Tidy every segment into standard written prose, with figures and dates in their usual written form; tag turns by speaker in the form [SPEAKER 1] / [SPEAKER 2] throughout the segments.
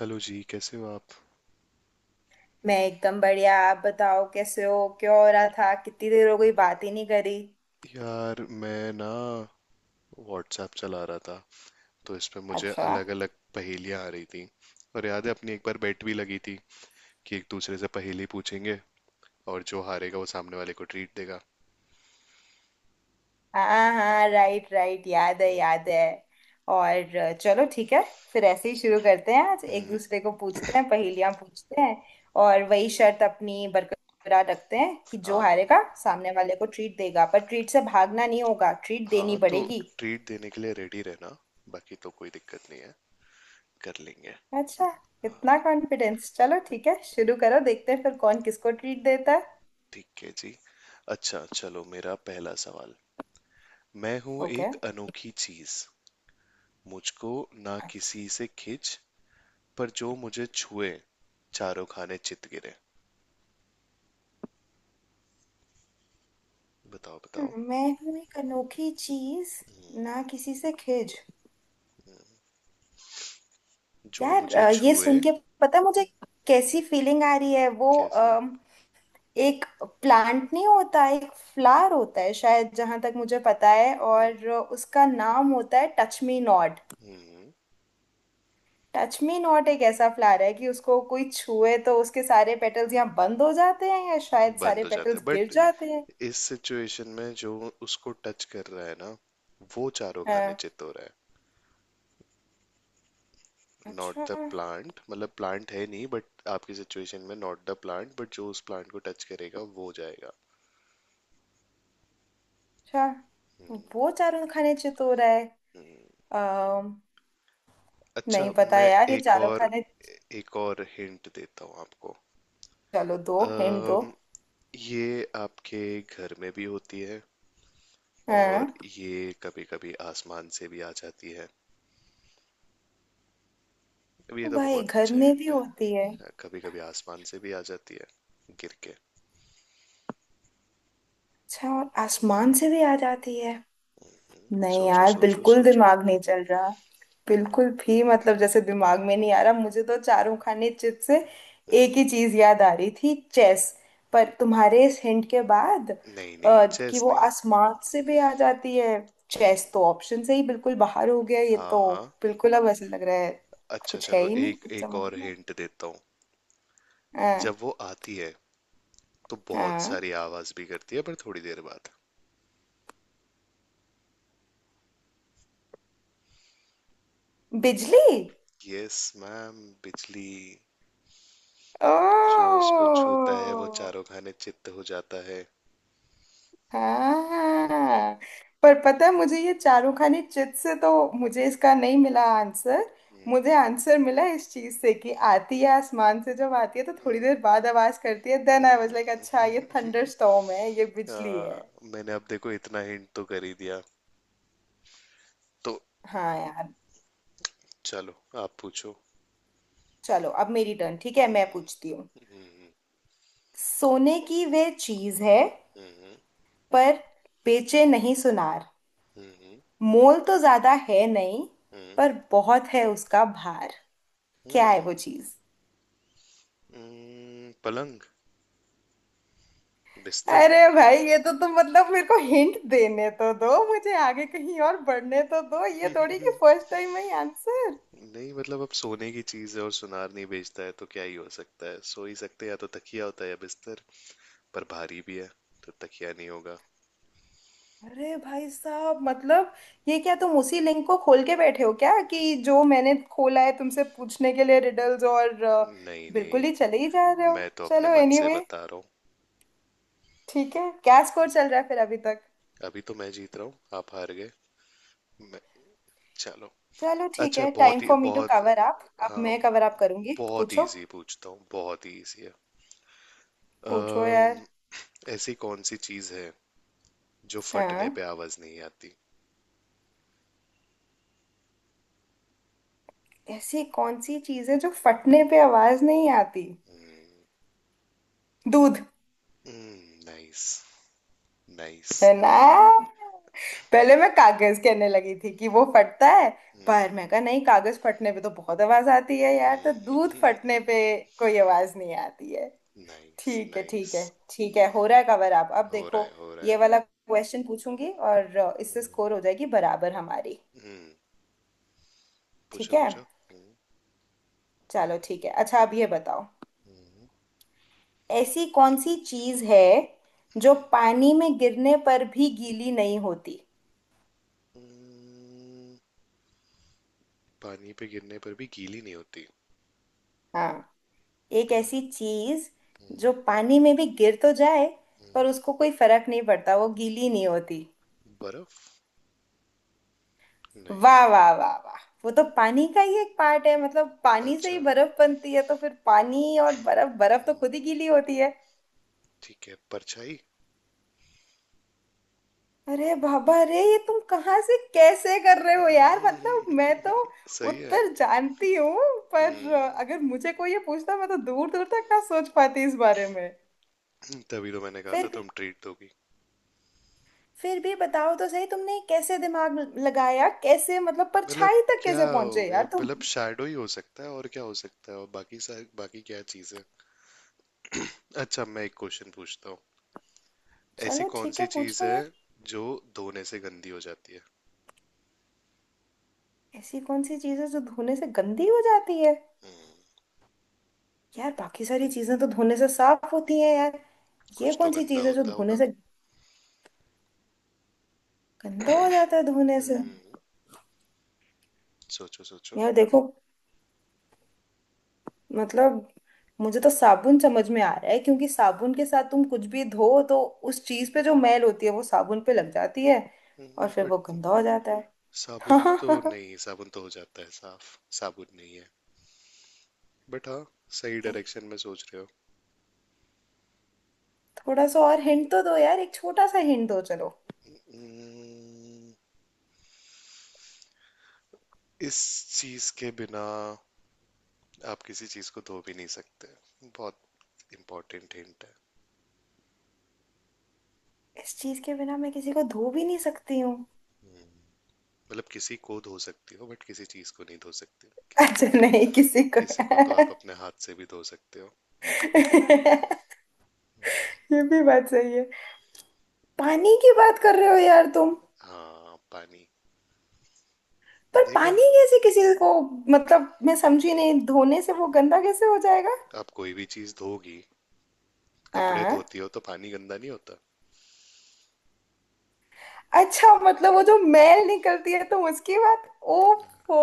[SPEAKER 1] Hello जी। कैसे हो आप?
[SPEAKER 2] मैं एकदम बढ़िया। आप बताओ कैसे हो, क्या हो रहा था? कितनी देर हो गई, बात ही नहीं करी।
[SPEAKER 1] यार मैं ना व्हाट्सएप चला रहा था। तो इस पे मुझे
[SPEAKER 2] अच्छा।
[SPEAKER 1] अलग अलग पहेलियां आ रही थी। और याद है, अपनी एक बार बेट भी लगी थी कि एक दूसरे से पहेली पूछेंगे, और जो हारेगा वो सामने वाले को ट्रीट देगा।
[SPEAKER 2] हाँ हाँ, राइट राइट, याद है याद है। और चलो ठीक है, फिर ऐसे ही शुरू करते हैं। आज एक
[SPEAKER 1] हम्म।
[SPEAKER 2] दूसरे को पूछते हैं, पहेलियां पूछते हैं। और वही शर्त अपनी बरकरार रखते हैं कि जो
[SPEAKER 1] हाँ
[SPEAKER 2] हारेगा सामने वाले को ट्रीट देगा, पर ट्रीट से भागना नहीं होगा, ट्रीट देनी
[SPEAKER 1] हाँ, तो
[SPEAKER 2] पड़ेगी।
[SPEAKER 1] ट्रीट देने के लिए रेडी रहना। बाकी तो कोई दिक्कत नहीं है, कर लेंगे।
[SPEAKER 2] अच्छा, इतना
[SPEAKER 1] हाँ,
[SPEAKER 2] कॉन्फिडेंस! चलो ठीक है, शुरू करो, देखते हैं फिर कौन किसको ट्रीट देता है।
[SPEAKER 1] ठीक है जी। अच्छा चलो, मेरा पहला सवाल। मैं हूँ
[SPEAKER 2] ओके।
[SPEAKER 1] एक अनोखी चीज, मुझको ना किसी से खिंच, पर जो मुझे छुए चारों खाने चित गिरे। बताओ
[SPEAKER 2] हाँ,
[SPEAKER 1] बताओ।
[SPEAKER 2] मैं हूँ एक अनोखी चीज, ना किसी से खिज।
[SPEAKER 1] जो
[SPEAKER 2] यार
[SPEAKER 1] मुझे
[SPEAKER 2] ये
[SPEAKER 1] छुए।
[SPEAKER 2] सुन के पता है मुझे कैसी फीलिंग आ रही है वो।
[SPEAKER 1] कैसे?
[SPEAKER 2] एक प्लांट नहीं होता, एक फ्लावर होता है शायद, जहां तक मुझे पता है,
[SPEAKER 1] हम्म
[SPEAKER 2] और उसका नाम होता है टच मी नॉट।
[SPEAKER 1] हम्म,
[SPEAKER 2] टच मी नॉट एक ऐसा फ्लावर है कि उसको कोई छुए तो उसके सारे पेटल्स यहाँ बंद हो जाते हैं, या शायद
[SPEAKER 1] बंद
[SPEAKER 2] सारे
[SPEAKER 1] हो जाते
[SPEAKER 2] पेटल्स
[SPEAKER 1] हैं।
[SPEAKER 2] गिर
[SPEAKER 1] बट
[SPEAKER 2] जाते हैं।
[SPEAKER 1] इस सिचुएशन में जो उसको टच कर रहा है ना, वो चारों खाने
[SPEAKER 2] हाँ,
[SPEAKER 1] चित हो रहा है। नॉट
[SPEAKER 2] अच्छा
[SPEAKER 1] द प्लांट, मतलब प्लांट है नहीं, बट आपकी सिचुएशन में नॉट द प्लांट, बट जो उस प्लांट को टच करेगा वो जाएगा।
[SPEAKER 2] अच्छा,
[SPEAKER 1] हम्म।
[SPEAKER 2] वो चारों खाने चित हो रहा
[SPEAKER 1] हम्म।
[SPEAKER 2] है।
[SPEAKER 1] अच्छा,
[SPEAKER 2] नहीं पता
[SPEAKER 1] मैं
[SPEAKER 2] यार, ये
[SPEAKER 1] एक
[SPEAKER 2] चारों
[SPEAKER 1] और
[SPEAKER 2] खाने।
[SPEAKER 1] एक और हिंट देता हूँ आपको।
[SPEAKER 2] चलो दो हिंट दो।
[SPEAKER 1] ये आपके घर में भी होती है। और
[SPEAKER 2] हाँ।
[SPEAKER 1] ये कभी कभी आसमान से भी आ जाती है। अब ये
[SPEAKER 2] ओ
[SPEAKER 1] तो
[SPEAKER 2] भाई,
[SPEAKER 1] बहुत
[SPEAKER 2] घर
[SPEAKER 1] अच्छा
[SPEAKER 2] में भी
[SPEAKER 1] हिंट
[SPEAKER 2] होती है!
[SPEAKER 1] है, कभी कभी आसमान से भी आ जाती है गिर के।
[SPEAKER 2] अच्छा, और आसमान से भी आ जाती है। नहीं
[SPEAKER 1] सोचो
[SPEAKER 2] यार,
[SPEAKER 1] सोचो
[SPEAKER 2] बिल्कुल
[SPEAKER 1] सोचो।
[SPEAKER 2] दिमाग नहीं चल रहा, बिल्कुल भी। मतलब जैसे दिमाग में नहीं आ रहा, मुझे तो चारों खाने चिप्स से
[SPEAKER 1] हम्म,
[SPEAKER 2] एक ही चीज याद आ रही थी, चेस। पर तुम्हारे इस हिंट के बाद
[SPEAKER 1] नहीं नहीं,
[SPEAKER 2] कि
[SPEAKER 1] चेस
[SPEAKER 2] वो
[SPEAKER 1] नहीं।
[SPEAKER 2] आसमान से भी आ जाती है,
[SPEAKER 1] हम्म,
[SPEAKER 2] चेस तो ऑप्शन से ही बिल्कुल बाहर हो गया ये
[SPEAKER 1] हाँ
[SPEAKER 2] तो।
[SPEAKER 1] हाँ।
[SPEAKER 2] बिल्कुल, अब ऐसे लग रहा है
[SPEAKER 1] अच्छा
[SPEAKER 2] कुछ है
[SPEAKER 1] चलो,
[SPEAKER 2] ही नहीं
[SPEAKER 1] एक
[SPEAKER 2] कुछ
[SPEAKER 1] एक
[SPEAKER 2] समझ
[SPEAKER 1] और
[SPEAKER 2] में।
[SPEAKER 1] हिंट देता हूँ। जब
[SPEAKER 2] हाँ।
[SPEAKER 1] वो आती है तो बहुत
[SPEAKER 2] हाँ,
[SPEAKER 1] सारी आवाज भी करती है, पर थोड़ी देर बाद।
[SPEAKER 2] बिजली!
[SPEAKER 1] यस मैम, बिजली। जो
[SPEAKER 2] ओ
[SPEAKER 1] उसको छूता है वो चारों खाने चित्त हो जाता है।
[SPEAKER 2] हाँ! पर पता है मुझे, ये चारूखानी चिट से तो मुझे इसका नहीं मिला आंसर।
[SPEAKER 1] हम्म।
[SPEAKER 2] मुझे आंसर मिला इस चीज से कि आती है आसमान से, जब आती है तो थोड़ी
[SPEAKER 1] हम्म।
[SPEAKER 2] देर बाद आवाज करती है। Then I was
[SPEAKER 1] hmm.
[SPEAKER 2] Like, अच्छा, ये थंडर स्टॉर्म है, ये
[SPEAKER 1] आ,
[SPEAKER 2] बिजली है।
[SPEAKER 1] मैंने अब देखो इतना हिंट तो कर ही दिया, तो
[SPEAKER 2] हाँ यार।
[SPEAKER 1] चलो, आप पूछो।
[SPEAKER 2] चलो अब मेरी टर्न, ठीक है, मैं
[SPEAKER 1] हम्म,
[SPEAKER 2] पूछती हूँ।
[SPEAKER 1] हम्म,
[SPEAKER 2] सोने की वह चीज है,
[SPEAKER 1] हम्म,
[SPEAKER 2] पर बेचे नहीं सुनार।
[SPEAKER 1] हम्म,
[SPEAKER 2] मोल तो ज्यादा है नहीं,
[SPEAKER 1] हम्म,
[SPEAKER 2] पर बहुत है उसका भार। क्या है
[SPEAKER 1] हम्म,
[SPEAKER 2] वो चीज?
[SPEAKER 1] पलंग? बिस्तर?
[SPEAKER 2] अरे भाई, ये तो तुम, मतलब मेरे को हिंट देने तो दो, मुझे आगे कहीं और बढ़ने तो दो। ये थोड़ी कि फर्स्ट टाइम है आंसर।
[SPEAKER 1] नहीं, मतलब अब सोने की चीज है और सुनार नहीं बेचता है, तो क्या ही हो सकता है, सो ही सकते हैं, या तो तकिया होता है या बिस्तर। पर भारी भी है, तो तकिया नहीं होगा।
[SPEAKER 2] अरे भाई साहब, मतलब ये क्या तुम उसी लिंक को खोल के बैठे हो क्या, कि जो मैंने खोला है तुमसे पूछने के लिए रिडल्स। और
[SPEAKER 1] नहीं
[SPEAKER 2] बिल्कुल ही
[SPEAKER 1] नहीं,
[SPEAKER 2] चले ही जा रहे हो।
[SPEAKER 1] मैं तो अपने
[SPEAKER 2] चलो
[SPEAKER 1] मन से
[SPEAKER 2] एनीवे anyway,
[SPEAKER 1] बता रहा हूँ।
[SPEAKER 2] ठीक है क्या स्कोर चल रहा है फिर अभी तक?
[SPEAKER 1] अभी तो मैं जीत रहा हूँ, आप हार गए। मैं चलो।
[SPEAKER 2] चलो ठीक
[SPEAKER 1] अच्छा
[SPEAKER 2] है, टाइम
[SPEAKER 1] बहुत ही
[SPEAKER 2] फॉर मी टू
[SPEAKER 1] बहुत।
[SPEAKER 2] Cover up. अब
[SPEAKER 1] हाँ।
[SPEAKER 2] मैं कवर अप करूंगी,
[SPEAKER 1] बहुत
[SPEAKER 2] पूछो।
[SPEAKER 1] इजी पूछता हूँ, बहुत ही इजी है।
[SPEAKER 2] पूछो यार।
[SPEAKER 1] अम, ऐसी कौन सी चीज है जो फटने
[SPEAKER 2] हाँ,
[SPEAKER 1] पे आवाज नहीं आती?
[SPEAKER 2] ऐसी कौन सी चीज है जो फटने पे आवाज नहीं आती? दूध।
[SPEAKER 1] नाइस। नाइस।
[SPEAKER 2] है ना? पहले मैं कागज कहने लगी थी कि वो फटता है, पर मैं कहा नहीं, कागज फटने पे तो बहुत आवाज आती है यार, तो दूध फटने पे कोई आवाज नहीं आती है।
[SPEAKER 1] नाइस।
[SPEAKER 2] ठीक है ठीक
[SPEAKER 1] नाइस।
[SPEAKER 2] है। ठीक है, हो रहा है कवर अप, अब
[SPEAKER 1] हो रहा है,
[SPEAKER 2] देखो।
[SPEAKER 1] हो रहा है।
[SPEAKER 2] ये वाला क्वेश्चन पूछूंगी और इससे
[SPEAKER 1] हम्म,
[SPEAKER 2] स्कोर हो जाएगी बराबर हमारी।
[SPEAKER 1] हम्म,
[SPEAKER 2] ठीक
[SPEAKER 1] पूछो
[SPEAKER 2] है,
[SPEAKER 1] पूछो।
[SPEAKER 2] चलो ठीक है, अच्छा अब ये बताओ,
[SPEAKER 1] हम्म,
[SPEAKER 2] ऐसी कौन सी चीज है जो
[SPEAKER 1] हम्म,
[SPEAKER 2] पानी में गिरने पर भी गीली नहीं होती?
[SPEAKER 1] हम्म, पानी पे गिरने पर भी गीली नहीं होती।
[SPEAKER 2] हाँ, एक
[SPEAKER 1] पर-
[SPEAKER 2] ऐसी चीज
[SPEAKER 1] हम्म,
[SPEAKER 2] जो पानी में भी गिर तो जाए,
[SPEAKER 1] हम्म,
[SPEAKER 2] पर उसको कोई फर्क नहीं पड़ता, वो गीली नहीं होती।
[SPEAKER 1] बर्फ? नहीं।
[SPEAKER 2] वाह वाह वाह वाह! वो तो पानी का ही एक पार्ट है, मतलब पानी से ही
[SPEAKER 1] अच्छा,
[SPEAKER 2] बर्फ बनती है, तो फिर पानी और बर्फ, बर्फ तो खुद ही गीली होती है।
[SPEAKER 1] ठीक है, परछाई।
[SPEAKER 2] अरे बाबा रे, ये तुम कहाँ से कैसे कर रहे हो यार? मतलब मैं तो
[SPEAKER 1] सही है।
[SPEAKER 2] उत्तर जानती हूँ, पर
[SPEAKER 1] हम्म
[SPEAKER 2] अगर मुझे कोई ये पूछता, मैं तो दूर दूर तक ना सोच पाती इस बारे में।
[SPEAKER 1] तभी तो मैंने कहा
[SPEAKER 2] फिर
[SPEAKER 1] था
[SPEAKER 2] भी,
[SPEAKER 1] तुम ट्रीट दोगी।
[SPEAKER 2] फिर भी बताओ तो सही, तुमने कैसे दिमाग लगाया, कैसे मतलब
[SPEAKER 1] मतलब
[SPEAKER 2] परछाई तक
[SPEAKER 1] क्या
[SPEAKER 2] कैसे
[SPEAKER 1] हो
[SPEAKER 2] पहुंचे
[SPEAKER 1] गया,
[SPEAKER 2] यार तुम?
[SPEAKER 1] मतलब शैडो ही हो सकता है और क्या हो सकता है, और बाकी सारी, बाकी क्या चीज है। अच्छा, मैं एक क्वेश्चन पूछता हूँ। ऐसी
[SPEAKER 2] चलो
[SPEAKER 1] कौन
[SPEAKER 2] ठीक
[SPEAKER 1] सी
[SPEAKER 2] है,
[SPEAKER 1] चीज
[SPEAKER 2] पूछो
[SPEAKER 1] है
[SPEAKER 2] यार।
[SPEAKER 1] जो धोने से गंदी हो जाती है?
[SPEAKER 2] ऐसी कौन सी चीज है जो धोने से गंदी हो जाती है?
[SPEAKER 1] हम्म
[SPEAKER 2] यार बाकी सारी चीजें तो धोने से साफ होती हैं यार। ये
[SPEAKER 1] कुछ तो
[SPEAKER 2] कौन सी
[SPEAKER 1] गंदा
[SPEAKER 2] चीज है जो
[SPEAKER 1] होता
[SPEAKER 2] धोने
[SPEAKER 1] होगा।
[SPEAKER 2] से गंदा हो जाता है, धोने से?
[SPEAKER 1] हम्म सोचो सोचो।
[SPEAKER 2] यार देखो, मतलब मुझे तो साबुन समझ में आ रहा है, क्योंकि साबुन के साथ तुम कुछ भी धो तो उस चीज पे जो मैल होती है वो साबुन पे लग जाती है, और फिर वो
[SPEAKER 1] बट
[SPEAKER 2] गंदा हो जाता
[SPEAKER 1] साबुन तो
[SPEAKER 2] है।
[SPEAKER 1] नहीं, साबुन तो हो जाता है साफ, साबुन नहीं है। बट हाँ, सही डायरेक्शन में सोच रहे हो।
[SPEAKER 2] थोड़ा सा और हिंट तो दो यार, एक छोटा सा हिंट दो, चलो।
[SPEAKER 1] हम्म इस चीज के बिना आप किसी चीज को धो भी नहीं सकते। बहुत इंपॉर्टेंट हिंट है।
[SPEAKER 2] इस चीज के बिना मैं किसी को धो भी नहीं सकती हूँ?
[SPEAKER 1] हम्म, मतलब किसी को धो सकती हो बट किसी चीज को नहीं धो सकते, किसी को
[SPEAKER 2] अच्छा,
[SPEAKER 1] तो।
[SPEAKER 2] नहीं किसी को।
[SPEAKER 1] किसी को तो आप अपने हाथ से भी धो सकते हो।
[SPEAKER 2] ये भी बात सही है। पानी की बात कर रहे हो यार तुम?
[SPEAKER 1] हाँ, पानी।
[SPEAKER 2] पर
[SPEAKER 1] देखा।
[SPEAKER 2] पानी कैसे किसी को, मतलब मैं समझी नहीं, धोने से वो गंदा कैसे हो जाएगा?
[SPEAKER 1] आप कोई भी चीज धोगी, कपड़े
[SPEAKER 2] हाँ।
[SPEAKER 1] धोती हो तो पानी गंदा नहीं होता।
[SPEAKER 2] अच्छा, मतलब वो जो मैल निकलती है, तो उसकी बात। ओफो!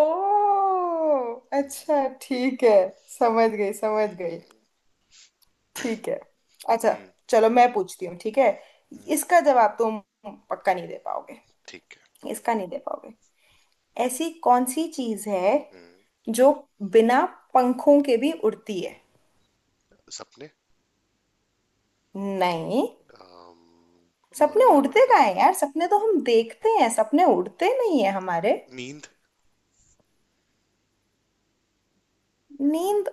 [SPEAKER 2] अच्छा
[SPEAKER 1] हम्म।
[SPEAKER 2] ठीक है, समझ गई समझ गई।
[SPEAKER 1] हम्म,
[SPEAKER 2] ठीक है। अच्छा,
[SPEAKER 1] हम्म,
[SPEAKER 2] चलो मैं पूछती हूँ, ठीक है?
[SPEAKER 1] हम्म,
[SPEAKER 2] इसका जवाब तुम पक्का नहीं दे पाओगे,
[SPEAKER 1] ठीक है।
[SPEAKER 2] इसका नहीं दे पाओगे। ऐसी कौन सी चीज है
[SPEAKER 1] हम्म,
[SPEAKER 2] जो बिना पंखों के भी उड़ती है?
[SPEAKER 1] सपने।
[SPEAKER 2] नहीं।
[SPEAKER 1] अम, और
[SPEAKER 2] सपने
[SPEAKER 1] क्या
[SPEAKER 2] उड़ते
[SPEAKER 1] उड़ता
[SPEAKER 2] का
[SPEAKER 1] है?
[SPEAKER 2] है यार, सपने तो हम देखते हैं, सपने उड़ते नहीं है हमारे।
[SPEAKER 1] नींद।
[SPEAKER 2] नींद,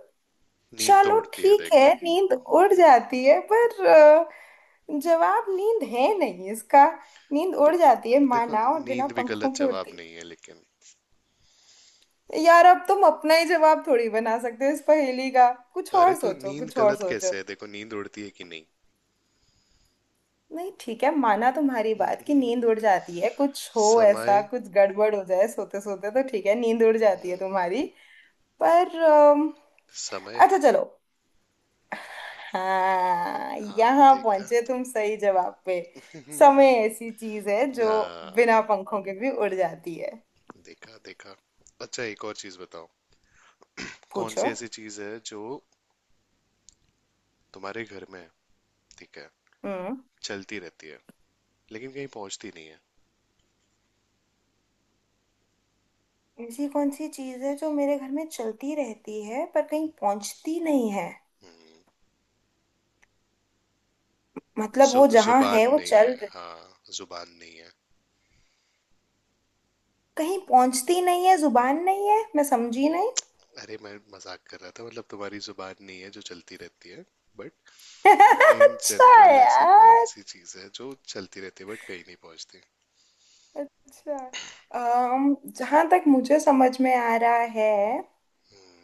[SPEAKER 1] नींद तो
[SPEAKER 2] चलो
[SPEAKER 1] उड़ती है
[SPEAKER 2] ठीक है,
[SPEAKER 1] देखो।
[SPEAKER 2] नींद उड़ जाती है, पर जवाब नींद है नहीं इसका। नींद
[SPEAKER 1] ब-
[SPEAKER 2] उड़ जाती है
[SPEAKER 1] देखो,
[SPEAKER 2] माना, और बिना
[SPEAKER 1] नींद भी
[SPEAKER 2] पंखों
[SPEAKER 1] गलत
[SPEAKER 2] के
[SPEAKER 1] जवाब
[SPEAKER 2] उड़ती,
[SPEAKER 1] नहीं है, लेकिन।
[SPEAKER 2] यार अब तुम अपना ही जवाब थोड़ी बना सकते हो इस पहेली का, कुछ
[SPEAKER 1] अरे
[SPEAKER 2] और
[SPEAKER 1] तो
[SPEAKER 2] सोचो
[SPEAKER 1] नींद
[SPEAKER 2] कुछ और
[SPEAKER 1] गलत
[SPEAKER 2] सोचो।
[SPEAKER 1] कैसे है? देखो नींद उड़ती है कि नहीं?
[SPEAKER 2] नहीं ठीक है, माना तुम्हारी बात कि नींद उड़ जाती है, कुछ हो ऐसा
[SPEAKER 1] समय।
[SPEAKER 2] कुछ गड़बड़ हो जाए सोते सोते, तो ठीक है नींद उड़ जाती है
[SPEAKER 1] हम्म,
[SPEAKER 2] तुम्हारी। पर
[SPEAKER 1] समय।
[SPEAKER 2] अच्छा चलो, हाँ
[SPEAKER 1] हाँ
[SPEAKER 2] यहाँ
[SPEAKER 1] देखा।
[SPEAKER 2] पहुंचे तुम सही जवाब पे। समय ऐसी चीज है जो बिना
[SPEAKER 1] हाँ
[SPEAKER 2] पंखों के भी उड़ जाती है।
[SPEAKER 1] देखा देखा। अच्छा एक और चीज बताओ। कौन
[SPEAKER 2] पूछो।
[SPEAKER 1] सी ऐसी चीज है जो तुम्हारे घर में है? ठीक है।
[SPEAKER 2] हम्म।
[SPEAKER 1] चलती रहती है लेकिन कहीं पहुंचती नहीं है।
[SPEAKER 2] ऐसी कौन सी चीज है जो मेरे घर में चलती रहती है पर कहीं पहुंचती नहीं है?
[SPEAKER 1] हम्म,
[SPEAKER 2] मतलब
[SPEAKER 1] जु,
[SPEAKER 2] वो जहाँ
[SPEAKER 1] जुबान
[SPEAKER 2] है वो
[SPEAKER 1] नहीं
[SPEAKER 2] चल
[SPEAKER 1] है।
[SPEAKER 2] रही,
[SPEAKER 1] हाँ, जुबान नहीं है।
[SPEAKER 2] कहीं पहुंचती नहीं है। जुबान नहीं है, मैं समझी नहीं।
[SPEAKER 1] अरे मैं मजाक कर रहा था, मतलब तुम्हारी जुबान नहीं है जो चलती रहती है। इन
[SPEAKER 2] अच्छा।
[SPEAKER 1] जनरल ऐसी कौन
[SPEAKER 2] यार,
[SPEAKER 1] सी चीज है जो चलती रहती है बट कहीं नहीं पहुंचती?
[SPEAKER 2] अच्छा, जहां तक मुझे समझ में आ रहा है,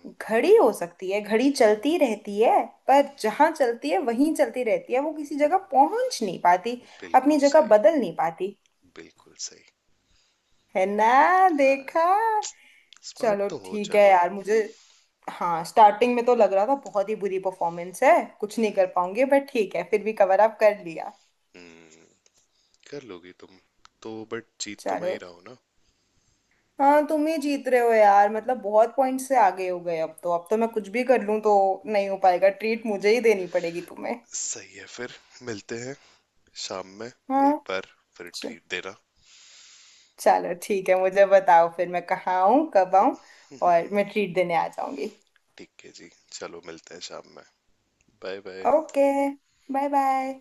[SPEAKER 2] घड़ी हो सकती है। घड़ी चलती रहती है, पर जहां चलती है वहीं चलती रहती है, वो किसी जगह पहुंच नहीं पाती,
[SPEAKER 1] बिल्कुल
[SPEAKER 2] अपनी जगह
[SPEAKER 1] सही।
[SPEAKER 2] बदल नहीं पाती।
[SPEAKER 1] बिल्कुल सही।
[SPEAKER 2] है ना? देखा!
[SPEAKER 1] हाँ, स्मार्ट
[SPEAKER 2] चलो
[SPEAKER 1] तो हो।
[SPEAKER 2] ठीक है
[SPEAKER 1] चलो।
[SPEAKER 2] यार मुझे, हाँ स्टार्टिंग में तो लग रहा था बहुत ही बुरी परफॉर्मेंस है, कुछ नहीं कर
[SPEAKER 1] हम्म
[SPEAKER 2] पाऊंगी, बट ठीक है फिर भी कवर अप कर लिया।
[SPEAKER 1] हम्म कर लोगी तुम तो, बट जीत तो मैं ही
[SPEAKER 2] चलो,
[SPEAKER 1] रहा हूं ना।
[SPEAKER 2] हाँ तुम ही जीत रहे हो यार, मतलब बहुत पॉइंट से आगे हो गए अब तो, अब तो मैं कुछ भी कर लूं तो नहीं हो पाएगा, ट्रीट मुझे ही देनी पड़ेगी तुम्हें।
[SPEAKER 1] सही है। फिर मिलते हैं शाम में एक
[SPEAKER 2] हाँ।
[SPEAKER 1] बार। फिर ट्रीट देना।
[SPEAKER 2] चलो ठीक है, मुझे बताओ फिर मैं कहाँ आऊँ, कब आऊँ, और मैं ट्रीट देने आ जाऊंगी।
[SPEAKER 1] ठीक है जी, चलो, मिलते हैं शाम में। Bye bye.
[SPEAKER 2] Okay. Bye bye.